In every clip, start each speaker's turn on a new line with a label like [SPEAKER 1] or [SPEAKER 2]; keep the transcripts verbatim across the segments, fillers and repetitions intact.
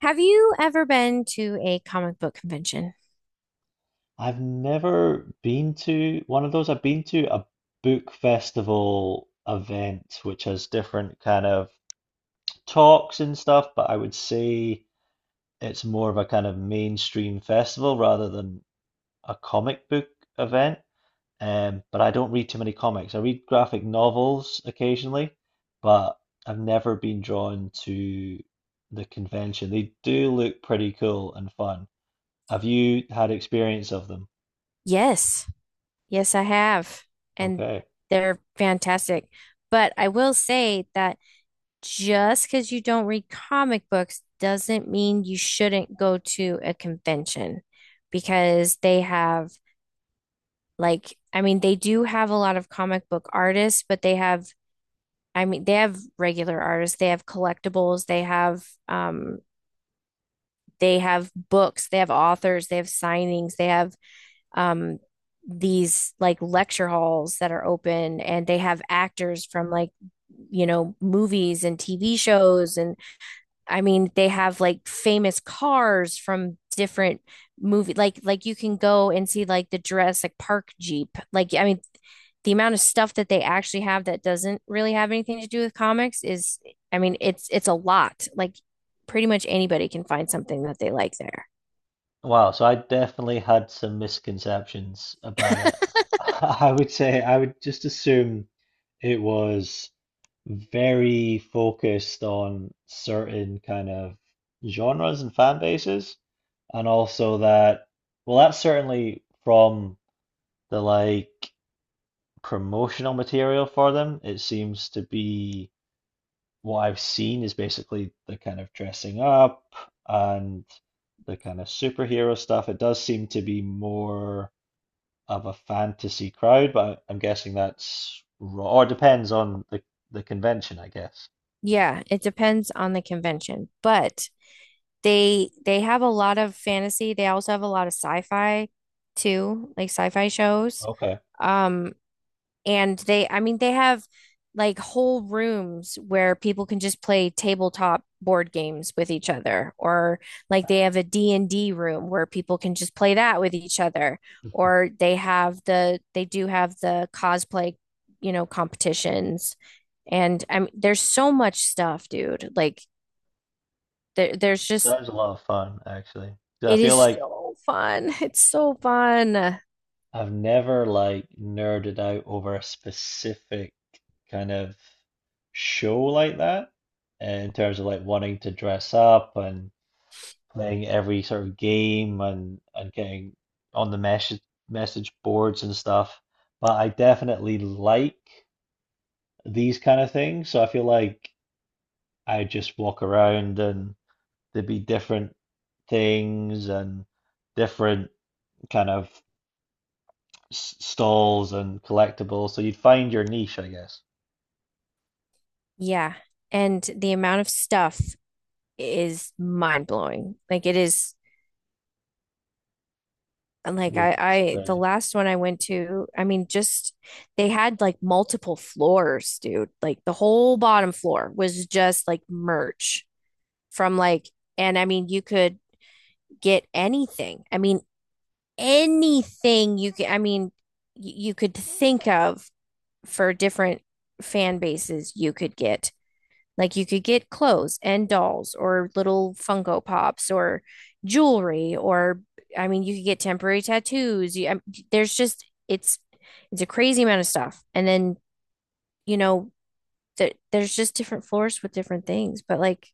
[SPEAKER 1] Have you ever been to a comic book convention?
[SPEAKER 2] I've never been to one of those. I've been to a book festival event, which has different kind of talks and stuff, but I would say it's more of a kind of mainstream festival rather than a comic book event. Um, but I don't read too many comics. I read graphic novels occasionally, but I've never been drawn to the convention. They do look pretty cool and fun. Have you had experience of them?
[SPEAKER 1] Yes. Yes, I have. And
[SPEAKER 2] Okay.
[SPEAKER 1] they're fantastic. But I will say that just because you don't read comic books doesn't mean you shouldn't go to a convention because they have, like, I mean, they do have a lot of comic book artists, but they have, I mean, they have regular artists, they have collectibles, they have, um, they have books, they have authors, they have signings, they have um, these like lecture halls that are open, and they have actors from like, you know, movies and T V shows and I mean, they have like famous cars from different movie like like you can go and see like the Jurassic Park Jeep. Like I mean, the amount of stuff that they actually have that doesn't really have anything to do with comics is I mean, it's it's a lot. Like pretty much anybody can find something that they like there.
[SPEAKER 2] Wow, so I definitely had some misconceptions about it. I would say I would just assume it was very focused on certain kind of genres and fan bases, and also that, well, that's certainly from the like promotional material for them. It seems to be what I've seen is basically the kind of dressing up and the kind of superhero stuff. It does seem to be more of a fantasy crowd, but I'm guessing that's raw, or depends on the, the convention, I guess.
[SPEAKER 1] Yeah, it depends on the convention, but they they have a lot of fantasy. They also have a lot of sci-fi too, like sci-fi shows.
[SPEAKER 2] Okay.
[SPEAKER 1] Um And they, I mean, they have like whole rooms where people can just play tabletop board games with each other, or like they have a D and d room where people can just play that with each other, or they have the, they do have the cosplay, you know, competitions. And I mean, there's so much stuff, dude. Like there, there's just,
[SPEAKER 2] Sounds a lot of fun, actually. 'Cause I
[SPEAKER 1] it
[SPEAKER 2] feel
[SPEAKER 1] is
[SPEAKER 2] like
[SPEAKER 1] so fun. It's so fun.
[SPEAKER 2] I've never like nerded out over a specific kind of show like that, uh, in terms of like wanting to dress up and playing every sort of game and and getting on the message message boards and stuff. But I definitely like these kind of things, so I feel like I just walk around and there'd be different things and different kind of s- stalls and collectibles, so you'd find your niche, I guess.
[SPEAKER 1] Yeah. And the amount of stuff is mind blowing. Like it is. And, Like
[SPEAKER 2] Yeah,
[SPEAKER 1] I,
[SPEAKER 2] it's
[SPEAKER 1] I, The
[SPEAKER 2] great.
[SPEAKER 1] last one I went to, I mean, just they had like multiple floors, dude. Like the whole bottom floor was just like merch from like, and I mean, you could get anything. I mean, anything you could, I mean, y- you could think of for different fan bases you could get. Like you could get clothes and dolls or little Funko Pops or jewelry or I mean you could get temporary tattoos. You, I, there's just it's It's a crazy amount of stuff. And then, you know, th there's just different floors with different things, but like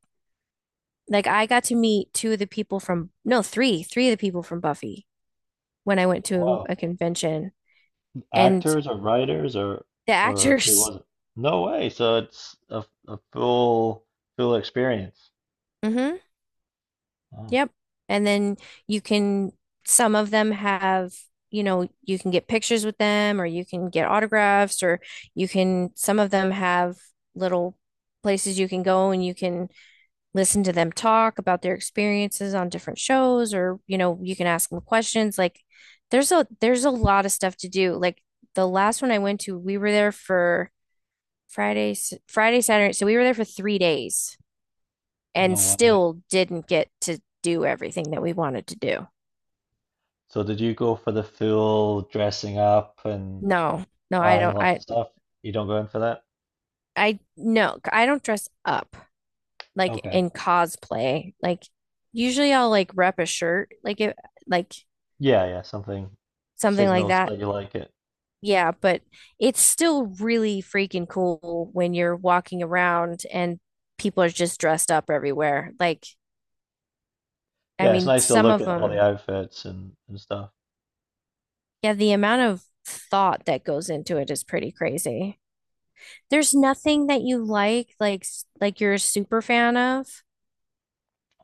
[SPEAKER 1] like I got to meet two of the people from no, three, three of the people from Buffy when I went
[SPEAKER 2] Oh,
[SPEAKER 1] to
[SPEAKER 2] wow,
[SPEAKER 1] a convention and
[SPEAKER 2] actors or writers or
[SPEAKER 1] the
[SPEAKER 2] or who
[SPEAKER 1] actors.
[SPEAKER 2] was it? No way. So it's a, a full full experience.
[SPEAKER 1] Hmm.
[SPEAKER 2] Oh,
[SPEAKER 1] Yep. And then you can, some of them have, you know, you can get pictures with them or you can get autographs or you can, some of them have little places you can go and you can listen to them talk about their experiences on different shows or, you know, you can ask them questions. Like there's a, there's a lot of stuff to do. Like the last one I went to, we were there for Friday, s- Friday, Saturday. So we were there for three days and
[SPEAKER 2] no way.
[SPEAKER 1] still didn't get to do everything that we wanted to do.
[SPEAKER 2] So did you go for the full dressing up and
[SPEAKER 1] No, no, I
[SPEAKER 2] buying
[SPEAKER 1] don't.
[SPEAKER 2] lots
[SPEAKER 1] I,
[SPEAKER 2] of stuff? You don't go in for that?
[SPEAKER 1] I, no, I don't dress up like
[SPEAKER 2] Okay.
[SPEAKER 1] in cosplay. Like, usually I'll like rep a shirt, like it, like
[SPEAKER 2] Yeah, yeah, something
[SPEAKER 1] something like
[SPEAKER 2] signals
[SPEAKER 1] that.
[SPEAKER 2] that you like it.
[SPEAKER 1] Yeah, but it's still really freaking cool when you're walking around and people are just dressed up everywhere. Like, I
[SPEAKER 2] Yeah, it's
[SPEAKER 1] mean,
[SPEAKER 2] nice to
[SPEAKER 1] some
[SPEAKER 2] look
[SPEAKER 1] of
[SPEAKER 2] at all the
[SPEAKER 1] them,
[SPEAKER 2] outfits and, and stuff.
[SPEAKER 1] yeah, the amount of thought that goes into it is pretty crazy. There's nothing that you like, like s- like you're a super fan of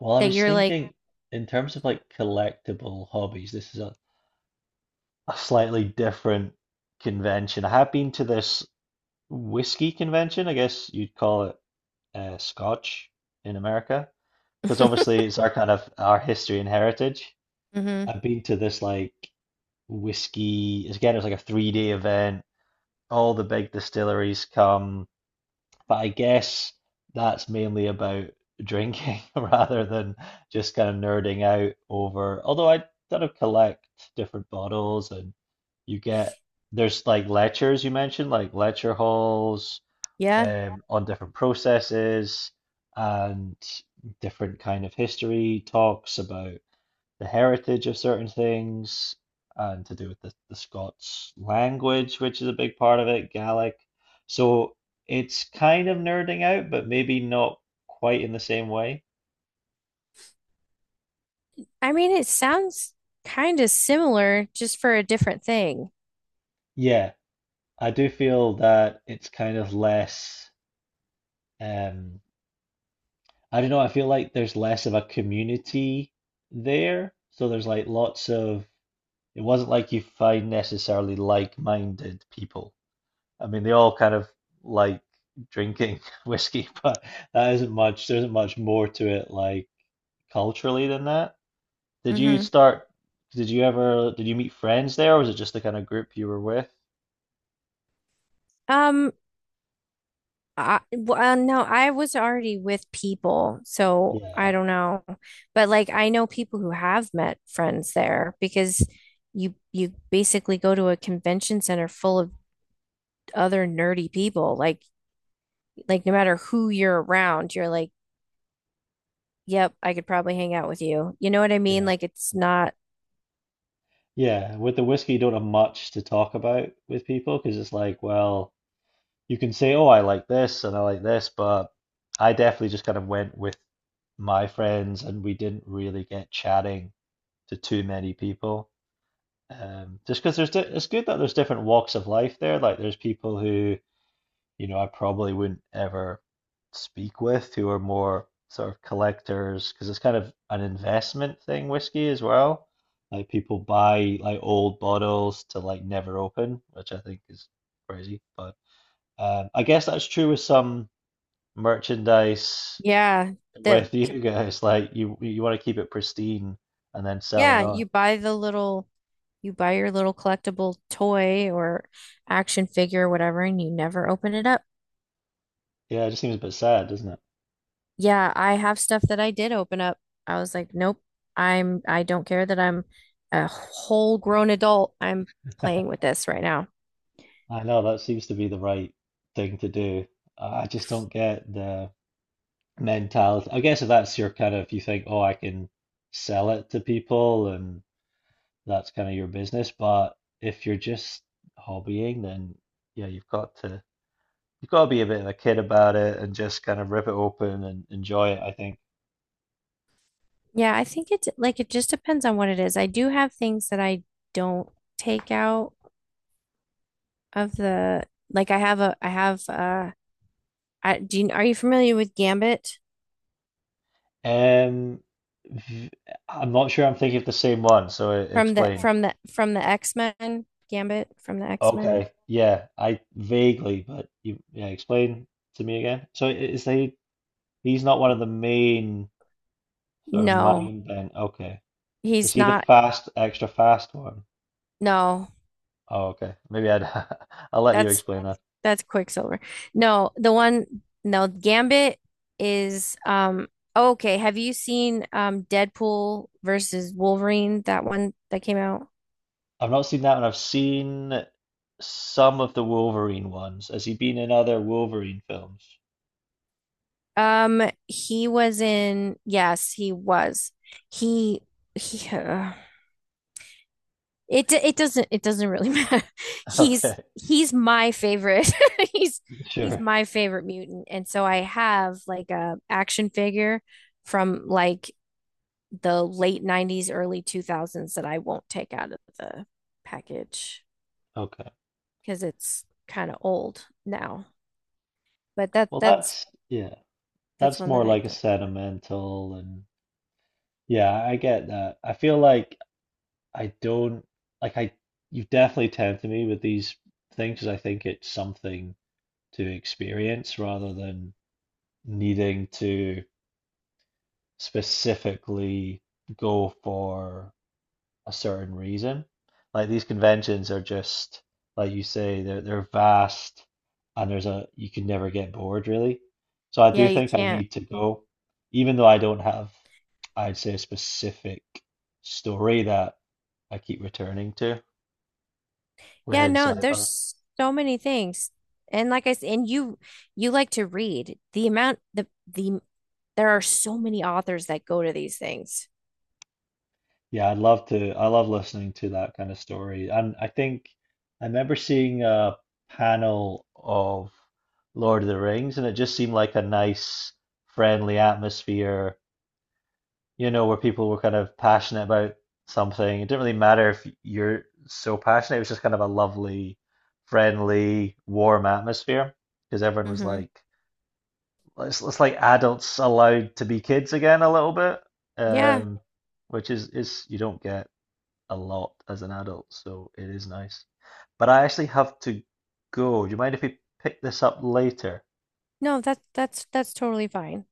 [SPEAKER 2] Well, I
[SPEAKER 1] that
[SPEAKER 2] was
[SPEAKER 1] you're like,
[SPEAKER 2] thinking in terms of like collectible hobbies, this is a, a slightly different convention. I have been to this whiskey convention, I guess you'd call it uh, Scotch in America, because obviously it's our kind of our history and heritage.
[SPEAKER 1] hmm
[SPEAKER 2] I've been to this like whiskey, again, it was like a three day event. All the big distilleries come, but I guess that's mainly about drinking rather than just kind of nerding out over. Although I kind of collect different bottles and you get, there's like lectures you mentioned, like lecture halls
[SPEAKER 1] yeah.
[SPEAKER 2] um, on different processes and different kind of history talks about the heritage of certain things and to do with the, the Scots language, which is a big part of it, Gaelic. So it's kind of nerding out, but maybe not quite in the same way.
[SPEAKER 1] I mean, it sounds kind of similar, just for a different thing.
[SPEAKER 2] Yeah, I do feel that it's kind of less, um, I don't know, I feel like there's less of a community there. So there's like lots of, it wasn't like you find necessarily like-minded people. I mean, they all kind of like drinking whiskey, but that isn't much. There isn't much more to it, like culturally, than that. Did you
[SPEAKER 1] Hmm.
[SPEAKER 2] start? Did you ever? Did you meet friends there, or was it just the kind of group you were with?
[SPEAKER 1] Um, I, well, no, I was already with people, so I
[SPEAKER 2] Yeah,
[SPEAKER 1] don't know. But like, I know people who have met friends there because you you basically go to a convention center full of other nerdy people. Like, like no matter who you're around, you're like yep, I could probably hang out with you. You know what I mean?
[SPEAKER 2] yeah,
[SPEAKER 1] Like it's not,
[SPEAKER 2] yeah. With the whiskey, you don't have much to talk about with people because it's like, well, you can say, oh, I like this and I like this, but I definitely just kind of went with my friends, and we didn't really get chatting to too many people. Um, just because there's di it's good that there's different walks of life there. Like there's people who, you know, I probably wouldn't ever speak with who are more sort of collectors because it's kind of an investment thing, whiskey as well. Like people buy like old bottles to like never open, which I think is crazy. But um, I guess that's true with some merchandise
[SPEAKER 1] yeah, the,
[SPEAKER 2] with you guys. Like you you want to keep it pristine and then sell it
[SPEAKER 1] yeah,
[SPEAKER 2] on.
[SPEAKER 1] you buy the little, you buy your little collectible toy or action figure or whatever, and you never open it up.
[SPEAKER 2] Yeah, it just seems a bit sad, doesn't
[SPEAKER 1] Yeah, I have stuff that I did open up. I was like, nope, I'm, I don't care that I'm a whole grown adult. I'm
[SPEAKER 2] it?
[SPEAKER 1] playing with this right now.
[SPEAKER 2] I know that seems to be the right thing to do. I just don't get the mentality. I guess if that's your kind of, if you think, oh, I can sell it to people and that's kind of your business. But if you're just hobbying, then yeah, you've got to you've got to be a bit of a kid about it and just kind of rip it open and enjoy it, I think.
[SPEAKER 1] Yeah, I think it's like it just depends on what it is. I do have things that I don't take out of the like I have a I have uh I, do you, are you familiar with Gambit
[SPEAKER 2] Um, v- I'm not sure I'm thinking of the same one, so e-
[SPEAKER 1] from the
[SPEAKER 2] explain.
[SPEAKER 1] from the from the X-Men? Gambit from the X-Men?
[SPEAKER 2] Okay. Yeah, I vaguely, but you yeah, explain to me again. So I- is he he's not one of the main sort of
[SPEAKER 1] No,
[SPEAKER 2] main then. Okay. Is
[SPEAKER 1] he's
[SPEAKER 2] he the
[SPEAKER 1] not.
[SPEAKER 2] fast extra fast one?
[SPEAKER 1] No,
[SPEAKER 2] Oh, okay. Maybe I'd I'll let you
[SPEAKER 1] that's
[SPEAKER 2] explain that.
[SPEAKER 1] that's Quicksilver. No, the one No, Gambit is um oh, okay. Have you seen um Deadpool versus Wolverine? That one that came out.
[SPEAKER 2] I've not seen that one. I've seen some of the Wolverine ones. Has he been in other Wolverine films?
[SPEAKER 1] Um, he was in. Yes, he was. He he. Uh, it it doesn't it doesn't really matter. He's
[SPEAKER 2] Okay.
[SPEAKER 1] he's my favorite. he's he's
[SPEAKER 2] Sure.
[SPEAKER 1] my favorite mutant, and so I have like a action figure from like the late nineties early two thousands that I won't take out of the package
[SPEAKER 2] Okay.
[SPEAKER 1] because it's kind of old now but that
[SPEAKER 2] Well,
[SPEAKER 1] that's
[SPEAKER 2] that's yeah.
[SPEAKER 1] that's
[SPEAKER 2] That's
[SPEAKER 1] one
[SPEAKER 2] more
[SPEAKER 1] that I
[SPEAKER 2] like a
[SPEAKER 1] don't
[SPEAKER 2] sentimental and yeah, I get that. I feel like I don't like I you've definitely tempted me with these things 'cause I think it's something to experience rather than needing to specifically go for a certain reason. Like these conventions are just like you say they're they're vast and there's a you can never get bored really. So I
[SPEAKER 1] yeah
[SPEAKER 2] do
[SPEAKER 1] you
[SPEAKER 2] think I
[SPEAKER 1] can't.
[SPEAKER 2] need to go even though I don't have I'd say a specific story that I keep returning to
[SPEAKER 1] Yeah,
[SPEAKER 2] within
[SPEAKER 1] no,
[SPEAKER 2] sci-fi.
[SPEAKER 1] there's so many things. And like I said, and you you like to read. The amount the the there are so many authors that go to these things.
[SPEAKER 2] Yeah, I'd love to. I love listening to that kind of story. And I think I remember seeing a panel of Lord of the Rings, and it just seemed like a nice, friendly atmosphere, you know, where people were kind of passionate about something. It didn't really matter if you're so passionate, it was just kind of a lovely, friendly, warm atmosphere because everyone was
[SPEAKER 1] Mm-hmm.
[SPEAKER 2] like, it's, it's like adults allowed to be kids again a little bit.
[SPEAKER 1] Yeah.
[SPEAKER 2] Um, which is is you don't get a lot as an adult, so it is nice. But I actually have to go. Do you mind if we pick this up later?
[SPEAKER 1] No, that's that's that's totally fine.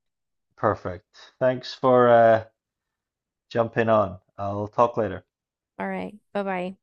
[SPEAKER 2] Perfect. Thanks for uh, jumping on. I'll talk later.
[SPEAKER 1] All right. Bye-bye.